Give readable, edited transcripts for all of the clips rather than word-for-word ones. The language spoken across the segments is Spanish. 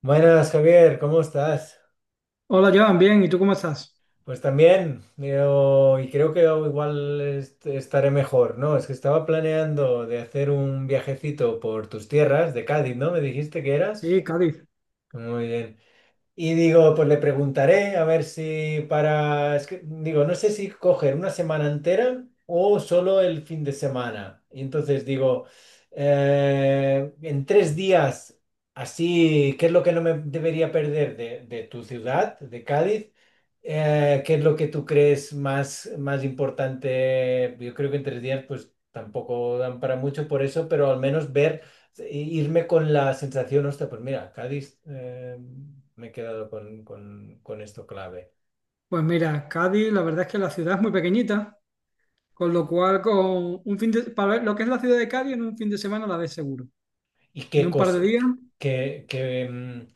Buenas, Javier, ¿cómo estás? Hola, Joan, bien, ¿y tú cómo estás? Pues también, y creo que oh, igual estaré mejor, ¿no? Es que estaba planeando de hacer un viajecito por tus tierras de Cádiz, ¿no? ¿Me dijiste que eras? Sí, Cádiz. Muy bien. Y digo, pues le preguntaré a ver si para, es que, digo, no sé si coger una semana entera o solo el fin de semana. Y entonces digo, en tres días, así, ¿qué es lo que no me debería perder de tu ciudad, de Cádiz? ¿Qué es lo que tú crees más importante? Yo creo que en tres días, pues tampoco dan para mucho por eso, pero al menos ver. Sí, irme con la sensación, hostia, pues mira, Cádiz, me he quedado con esto clave. Pues mira, Cádiz, la verdad es que la ciudad es muy pequeñita, con lo cual con un para ver lo que es la ciudad de Cádiz en un fin de semana la ves seguro. ¿Y En qué un par de cosa, días, qué, qué, mm,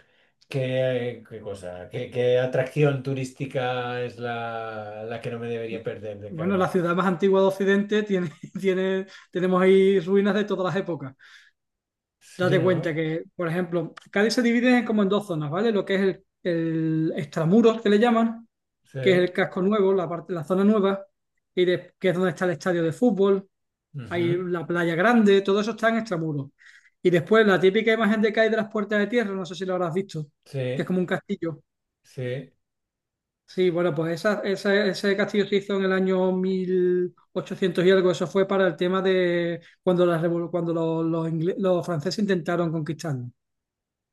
qué cosa, qué atracción turística es la que no me debería perder de bueno, la Cádiz? ciudad más antigua de Occidente tiene, tiene, tenemos ahí ruinas de todas las épocas. Sí, Date cuenta ¿no? que, por ejemplo, Cádiz se divide en- como en dos zonas, ¿vale? Lo que es el extramuros que le llaman, Sí, que es el casco nuevo, la parte, la zona nueva, que es donde está el estadio de fútbol, hay ujú. la playa grande, todo eso está en extramuros. Y después la típica imagen de que hay de las puertas de tierra, no sé si lo habrás visto, que es Sí, como un castillo. sí, Sí, bueno, pues ese castillo se hizo en el año 1800 y algo. Eso fue para el tema de cuando los franceses intentaron conquistarnos.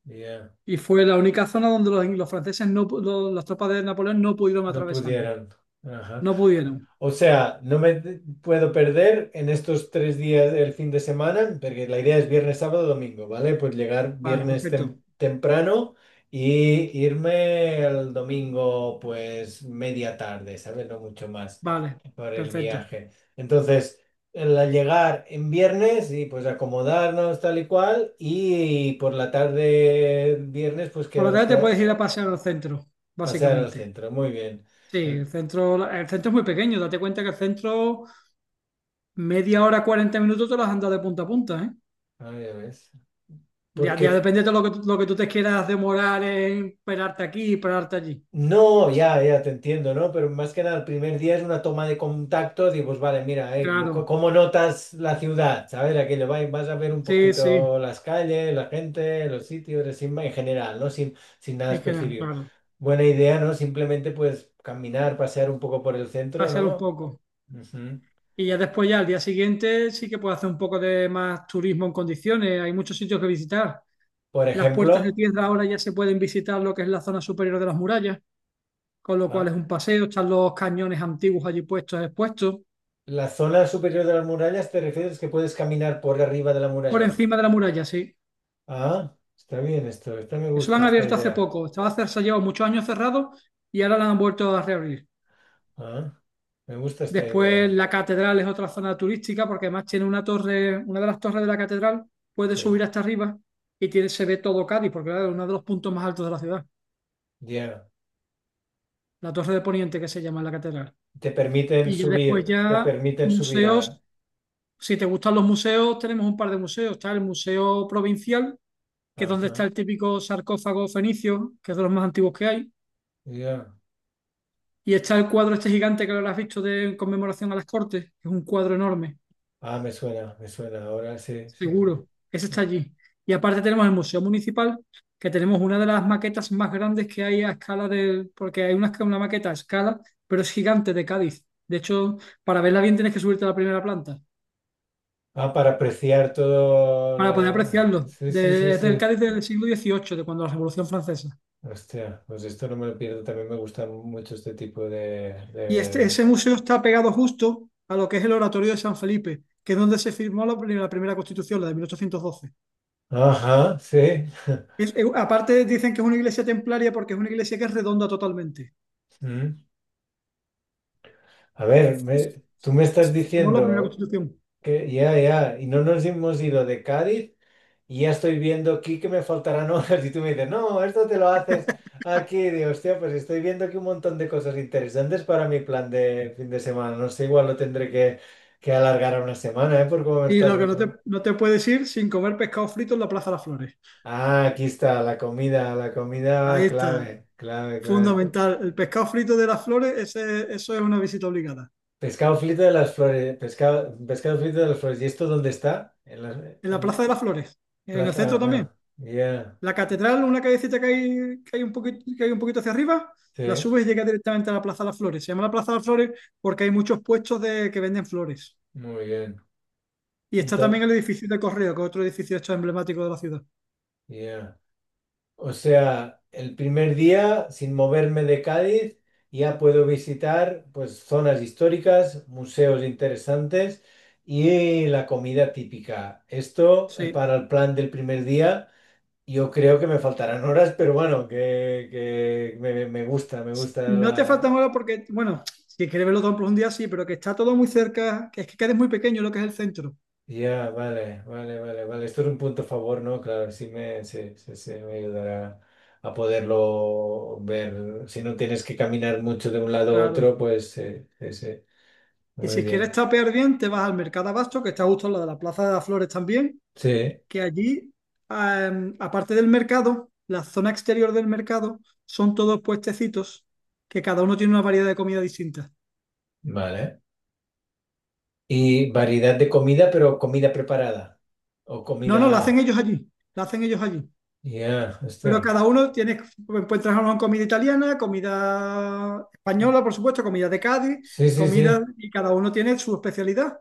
ya. Y fue la única zona donde los franceses, no, pu- los- las tropas de Napoleón no pudieron No atravesarnos. pudieron. Ajá. No pudieron. O sea, no puedo perder en estos tres días del fin de semana, porque la idea es viernes, sábado, domingo, ¿vale? Pues llegar Vale, viernes perfecto. temprano y irme el domingo, pues media tarde, ¿sabes? No mucho más Vale, por el perfecto. viaje. Entonces, el al llegar en viernes y pues acomodarnos tal y cual, y por la tarde viernes, pues que Por la nos tarde te queda puedes ir a pasear al centro, pasear al básicamente. centro. Muy bien. Sí, El, el centro es muy pequeño. Date cuenta que el centro, media hora, 40 minutos, te las han dado de punta a punta, ¿eh? ah, ya ves. Ya, ya Porque depende de lo que tú te quieras demorar en esperarte aquí y esperarte allí. no, ya, ya te entiendo, ¿no? Pero más que nada, el primer día es una toma de contacto, digo, pues vale, mira, Claro, ¿cómo notas la ciudad? ¿Sabes? Aquello, vas a ver un sí, sí, poquito las calles, la gente, los sitios, así, en general, ¿no? Sin nada en general, específico. claro. Buena idea, ¿no? Simplemente, pues, caminar, pasear un poco por el centro, Pasear un ¿no? poco. Ujú. Y ya después, ya al día siguiente, sí que puedes hacer un poco de más turismo en condiciones. Hay muchos sitios que visitar. Por Las puertas de ejemplo, piedra ahora ya se pueden visitar lo que es la zona superior de las murallas, con lo cual es ah, un paseo. Están los cañones antiguos allí puestos, expuestos. la zona superior de las murallas, ¿te refieres que puedes caminar por arriba de la Por muralla? encima de la muralla, sí. Ah, está bien esto, esta me Eso lo gusta, han esta abierto hace idea. poco. Estaba cerrado, llevado muchos años cerrado, y ahora lo han vuelto a reabrir. Ah, me gusta esta Después idea. la catedral es otra zona turística porque además tiene una torre, una de las torres de la catedral, puede Sí, subir hasta arriba y tiene, se ve todo Cádiz porque claro, es uno de los puntos más altos de la ciudad. ya. La torre de Poniente que se llama la catedral. Y ya después Te ya permiten subir a... museos, si te gustan los museos, tenemos un par de museos. Está el Museo Provincial, que es donde está Ajá, el típico sarcófago fenicio, que es de los más antiguos que hay. ya. Y está el cuadro este gigante que lo has visto de en conmemoración a las Cortes, que es un cuadro enorme, Ah, me suena, me suena. Ahora sí, sí, sí. seguro. Ese está allí. Y aparte tenemos el Museo Municipal, que tenemos una de las maquetas más grandes que hay a escala del, porque hay una maqueta a escala, pero es gigante de Cádiz. De hecho, para verla bien tienes que subirte a la primera planta, Ah, para apreciar todo para poder la... apreciarlo. Sí, sí, sí, Es del sí. Cádiz del siglo XVIII, de cuando la Revolución Francesa. Hostia, pues esto no me lo pierdo. También me gusta mucho este tipo Y este, ese museo está pegado justo a lo que es el Oratorio de San Felipe, que es donde se firmó la primera Constitución, la de 1812. Ajá, sí. Aparte dicen que es una iglesia templaria porque es una iglesia que es redonda totalmente. Mm. A ver, tú me estás Tenemos la primera diciendo... constitución. Que ya, ya, y no nos hemos ido de Cádiz y ya estoy viendo aquí que me faltarán horas y tú me dices, no, esto te lo haces aquí. Y digo, hostia, pues estoy viendo aquí un montón de cosas interesantes para mi plan de fin de semana, no sé, igual lo tendré que alargar a una semana, ¿eh? Por cómo me Y estás... lo que no te puedes ir sin comer pescado frito en la Plaza de las Flores. Ah, aquí está, la comida Ahí está, clave, clave, clave. Fundamental. El pescado frito de las Flores, eso es una visita obligada. Pescado frito de las flores, pescado, pescado frito de las flores, ¿y esto dónde está? En la En la Plaza en de las Flores, en el Plaza, centro también. bueno, ya. La catedral, una callecita que hay, que hay un poquito hacia arriba, Sí, la subes y llegas directamente a la Plaza de las Flores. Se llama la Plaza de las Flores porque hay muchos que venden flores. muy bien. Y está Entonces, también el edificio de Correo, que es otro edificio hecho emblemático de la ciudad. o sea, el primer día, sin moverme de Cádiz, ya puedo visitar pues zonas históricas, museos interesantes y la comida típica. Esto Sí. para el plan del primer día, yo creo que me faltarán horas, pero bueno, que me gusta No te falta ahora porque, bueno, si quieres verlo todo en profundidad, sí, pero que está todo muy cerca, que es que quedes muy pequeño lo que es el centro, Ya, vale, vale, vale, vale. Esto es un punto a favor, ¿no? Claro, sí, sí, sí, me ayudará a poderlo ver. Si no tienes que caminar mucho de un lado a claro. otro, pues sí, sí, sí. Y Muy si quieres bien. tapear bien, te vas al Mercado Abasto, que está justo al lado de la Plaza de las Flores también, Sí, que allí, aparte del mercado, la zona exterior del mercado son todos puestecitos que cada uno tiene una variedad de comida distinta. vale. Y variedad de comida, pero comida preparada. O No, la hacen comida. ellos allí, la hacen ellos allí. Ya, Pero cada está. uno tiene, pues, puede trabajar con comida italiana, comida española, por supuesto, comida de Cádiz, Sí, sí, comida, sí. y cada uno tiene su especialidad.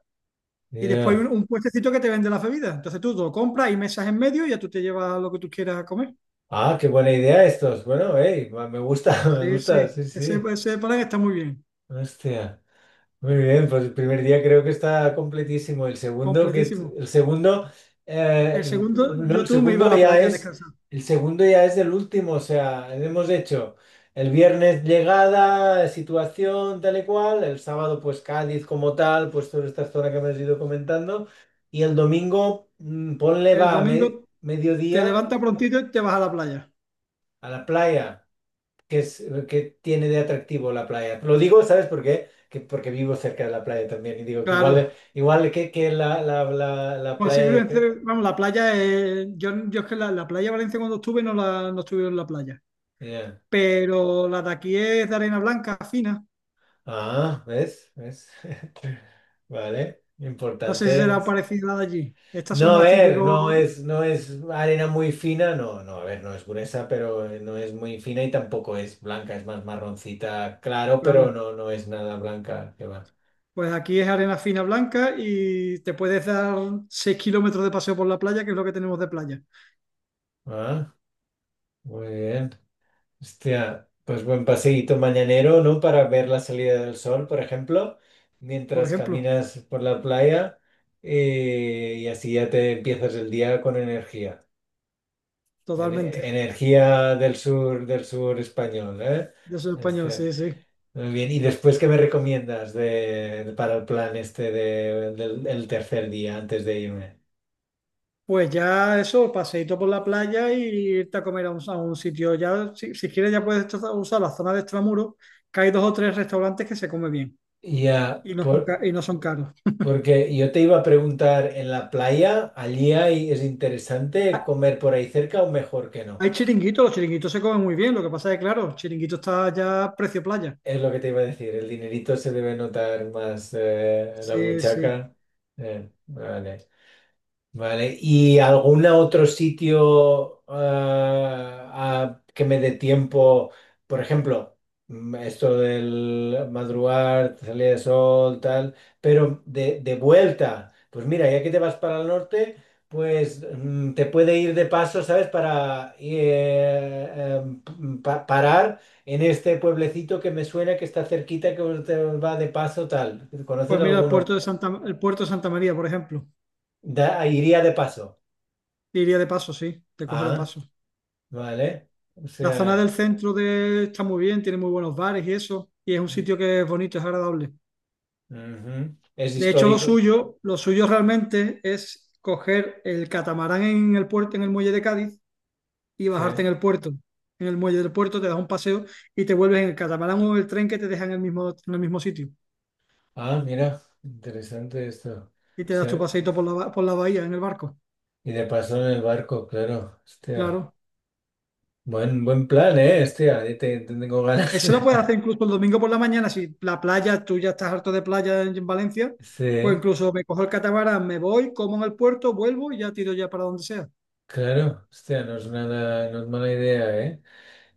Y después Ya. un puestecito que te vende las bebidas. Entonces tú lo compras y mesas en medio y ya tú te llevas lo que tú quieras a comer. Ah, qué buena idea estos. Bueno, hey, me gusta, me Sí, gusta, sí, sí, ese, sí. ese plan está muy bien, Hostia. Muy bien, pues el primer día creo que está completísimo. El segundo, completísimo. el segundo, El segundo, no, yo el tú me iba a segundo la ya playa a es, descansar. el segundo ya es del último, o sea, hemos hecho el viernes llegada, situación tal y cual, el sábado pues Cádiz como tal, pues toda esta zona que me has ido comentando, y el domingo, mm, ponle El va a domingo te mediodía levantas prontito y te vas a la playa. a la playa. Que es lo que tiene de atractivo la playa? Lo digo, ¿sabes por qué? Que porque vivo cerca de la playa también y digo que igual, Claro, igual que la playa posiblemente, vamos, la playa, yo es que la playa de Valencia cuando estuve no, no estuve en la playa, Ya. pero la de aquí es de arena blanca fina. Ah, ¿ves? ¿Ves? Vale, No sé si importante. será parecida a la de allí. Estas son No, a más ver, típicos, no es arena muy fina, no, no, a ver, no es gruesa, pero no es muy fina y tampoco es blanca, es más marroncita, claro, pero claro. no, no es nada blanca, que va. Pues aquí es arena fina blanca y te puedes dar 6 kilómetros de paseo por la playa, que es lo que tenemos de playa, Ah, muy bien. Hostia, pues buen paseíto mañanero, ¿no? Para ver la salida del sol, por ejemplo, por mientras ejemplo, caminas por la playa y así ya te empiezas el día con energía. Totalmente. Energía del sur español, ¿eh? Yo soy español, Este, sí, sí. muy bien. ¿Y después qué me recomiendas para el plan este del el tercer día antes de irme? Pues ya eso, paseíto por la playa y irte a comer a a un sitio. Ya, si, si quieres, ya puedes usar la zona de extramuros, que hay dos o tres restaurantes que se come bien Ya, y y no son caros. Porque yo te iba a preguntar, ¿en la playa allí hay, es interesante comer por ahí cerca o mejor que no? Hay chiringuitos, los chiringuitos se comen muy bien, lo que pasa es que, claro, chiringuito está ya precio playa. Es lo que te iba a decir, el dinerito se debe notar más en la Sí, sí. buchaca. Vale. Vale, ¿y algún otro sitio que me dé tiempo? Por ejemplo, mm, esto del madrugar, salida de sol, tal, pero de vuelta, pues mira, ya que te vas para el norte, pues mm, te puede ir de paso, ¿sabes? Para parar en este pueblecito que me suena que está cerquita, que te va de paso, tal. ¿Conoces Pues mira, alguno? El puerto de Santa María, por ejemplo. Iría de paso. Te iría de paso, sí, te coge de Ah. paso. Vale, o La zona del sea, centro de, está muy bien, tiene muy buenos bares y eso, y es un mm, sitio que es bonito, es agradable. ujú. Es De hecho, histórico, lo suyo realmente es coger el catamarán en el puerto, en el muelle de Cádiz, y sí. bajarte en el puerto. En el muelle del puerto te das un paseo y te vuelves en el catamarán o en el tren que te deja en en el mismo sitio. Ah, mira, interesante esto. Y te Sí. das tu paseito por por la bahía en el barco. Y de paso en el barco, claro, hostia. Claro. Buen, buen plan, ¿eh? Hostia, ya te tengo ganas. Eso lo puedes hacer incluso el domingo por la mañana. Si la playa, tú ya estás harto de playa en Valencia, pues Sí, incluso me cojo el catamarán, me voy, como en el puerto, vuelvo y ya tiro ya para donde sea. claro, hostia, no es nada, no es mala idea, ¿eh?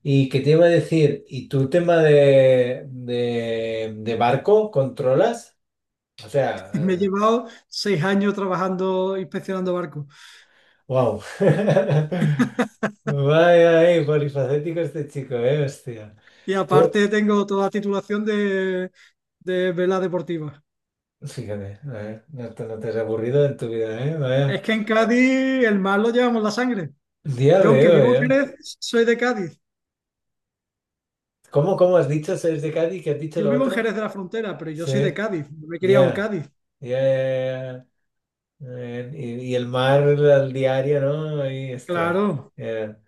¿Y qué te iba a decir? ¿Y tu tema de barco controlas? O Me he sea, llevado 6 años trabajando, inspeccionando barcos. wow. Vaya, vaya, polifacético este chico, hostia. Y Pu- aparte tengo toda la titulación de vela deportiva. fíjate, a ver, no te has aburrido en tu vida, vaya. Es que en Cádiz el mar lo llevamos la sangre. Ya Yo, aunque veo, vivo en eh. Jerez, soy de Cádiz. ¿Cómo, cómo has dicho? ¿Sois de Cádiz? ¿Qué has dicho Yo lo vivo en otro? Jerez de la Frontera, pero yo soy de Sí, Cádiz. Yo me he criado en ya. Cádiz. Ya, ya, ya. Y el mar al diario, ¿no? Y, este, Claro. hostia.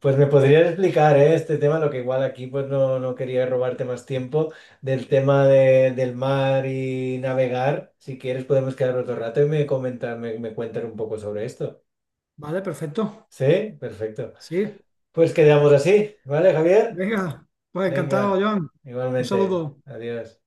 Pues me podrías explicar, este tema, lo que igual aquí pues no, no quería robarte más tiempo, del tema del mar y navegar. Si quieres podemos quedar otro rato y me comentar, me cuentas un poco sobre esto. Vale, perfecto. ¿Sí? Perfecto. Sí, Pues quedamos así, ¿vale, Javier? venga. Pues encantado, Venga, Joan. Un igualmente. saludo. Adiós.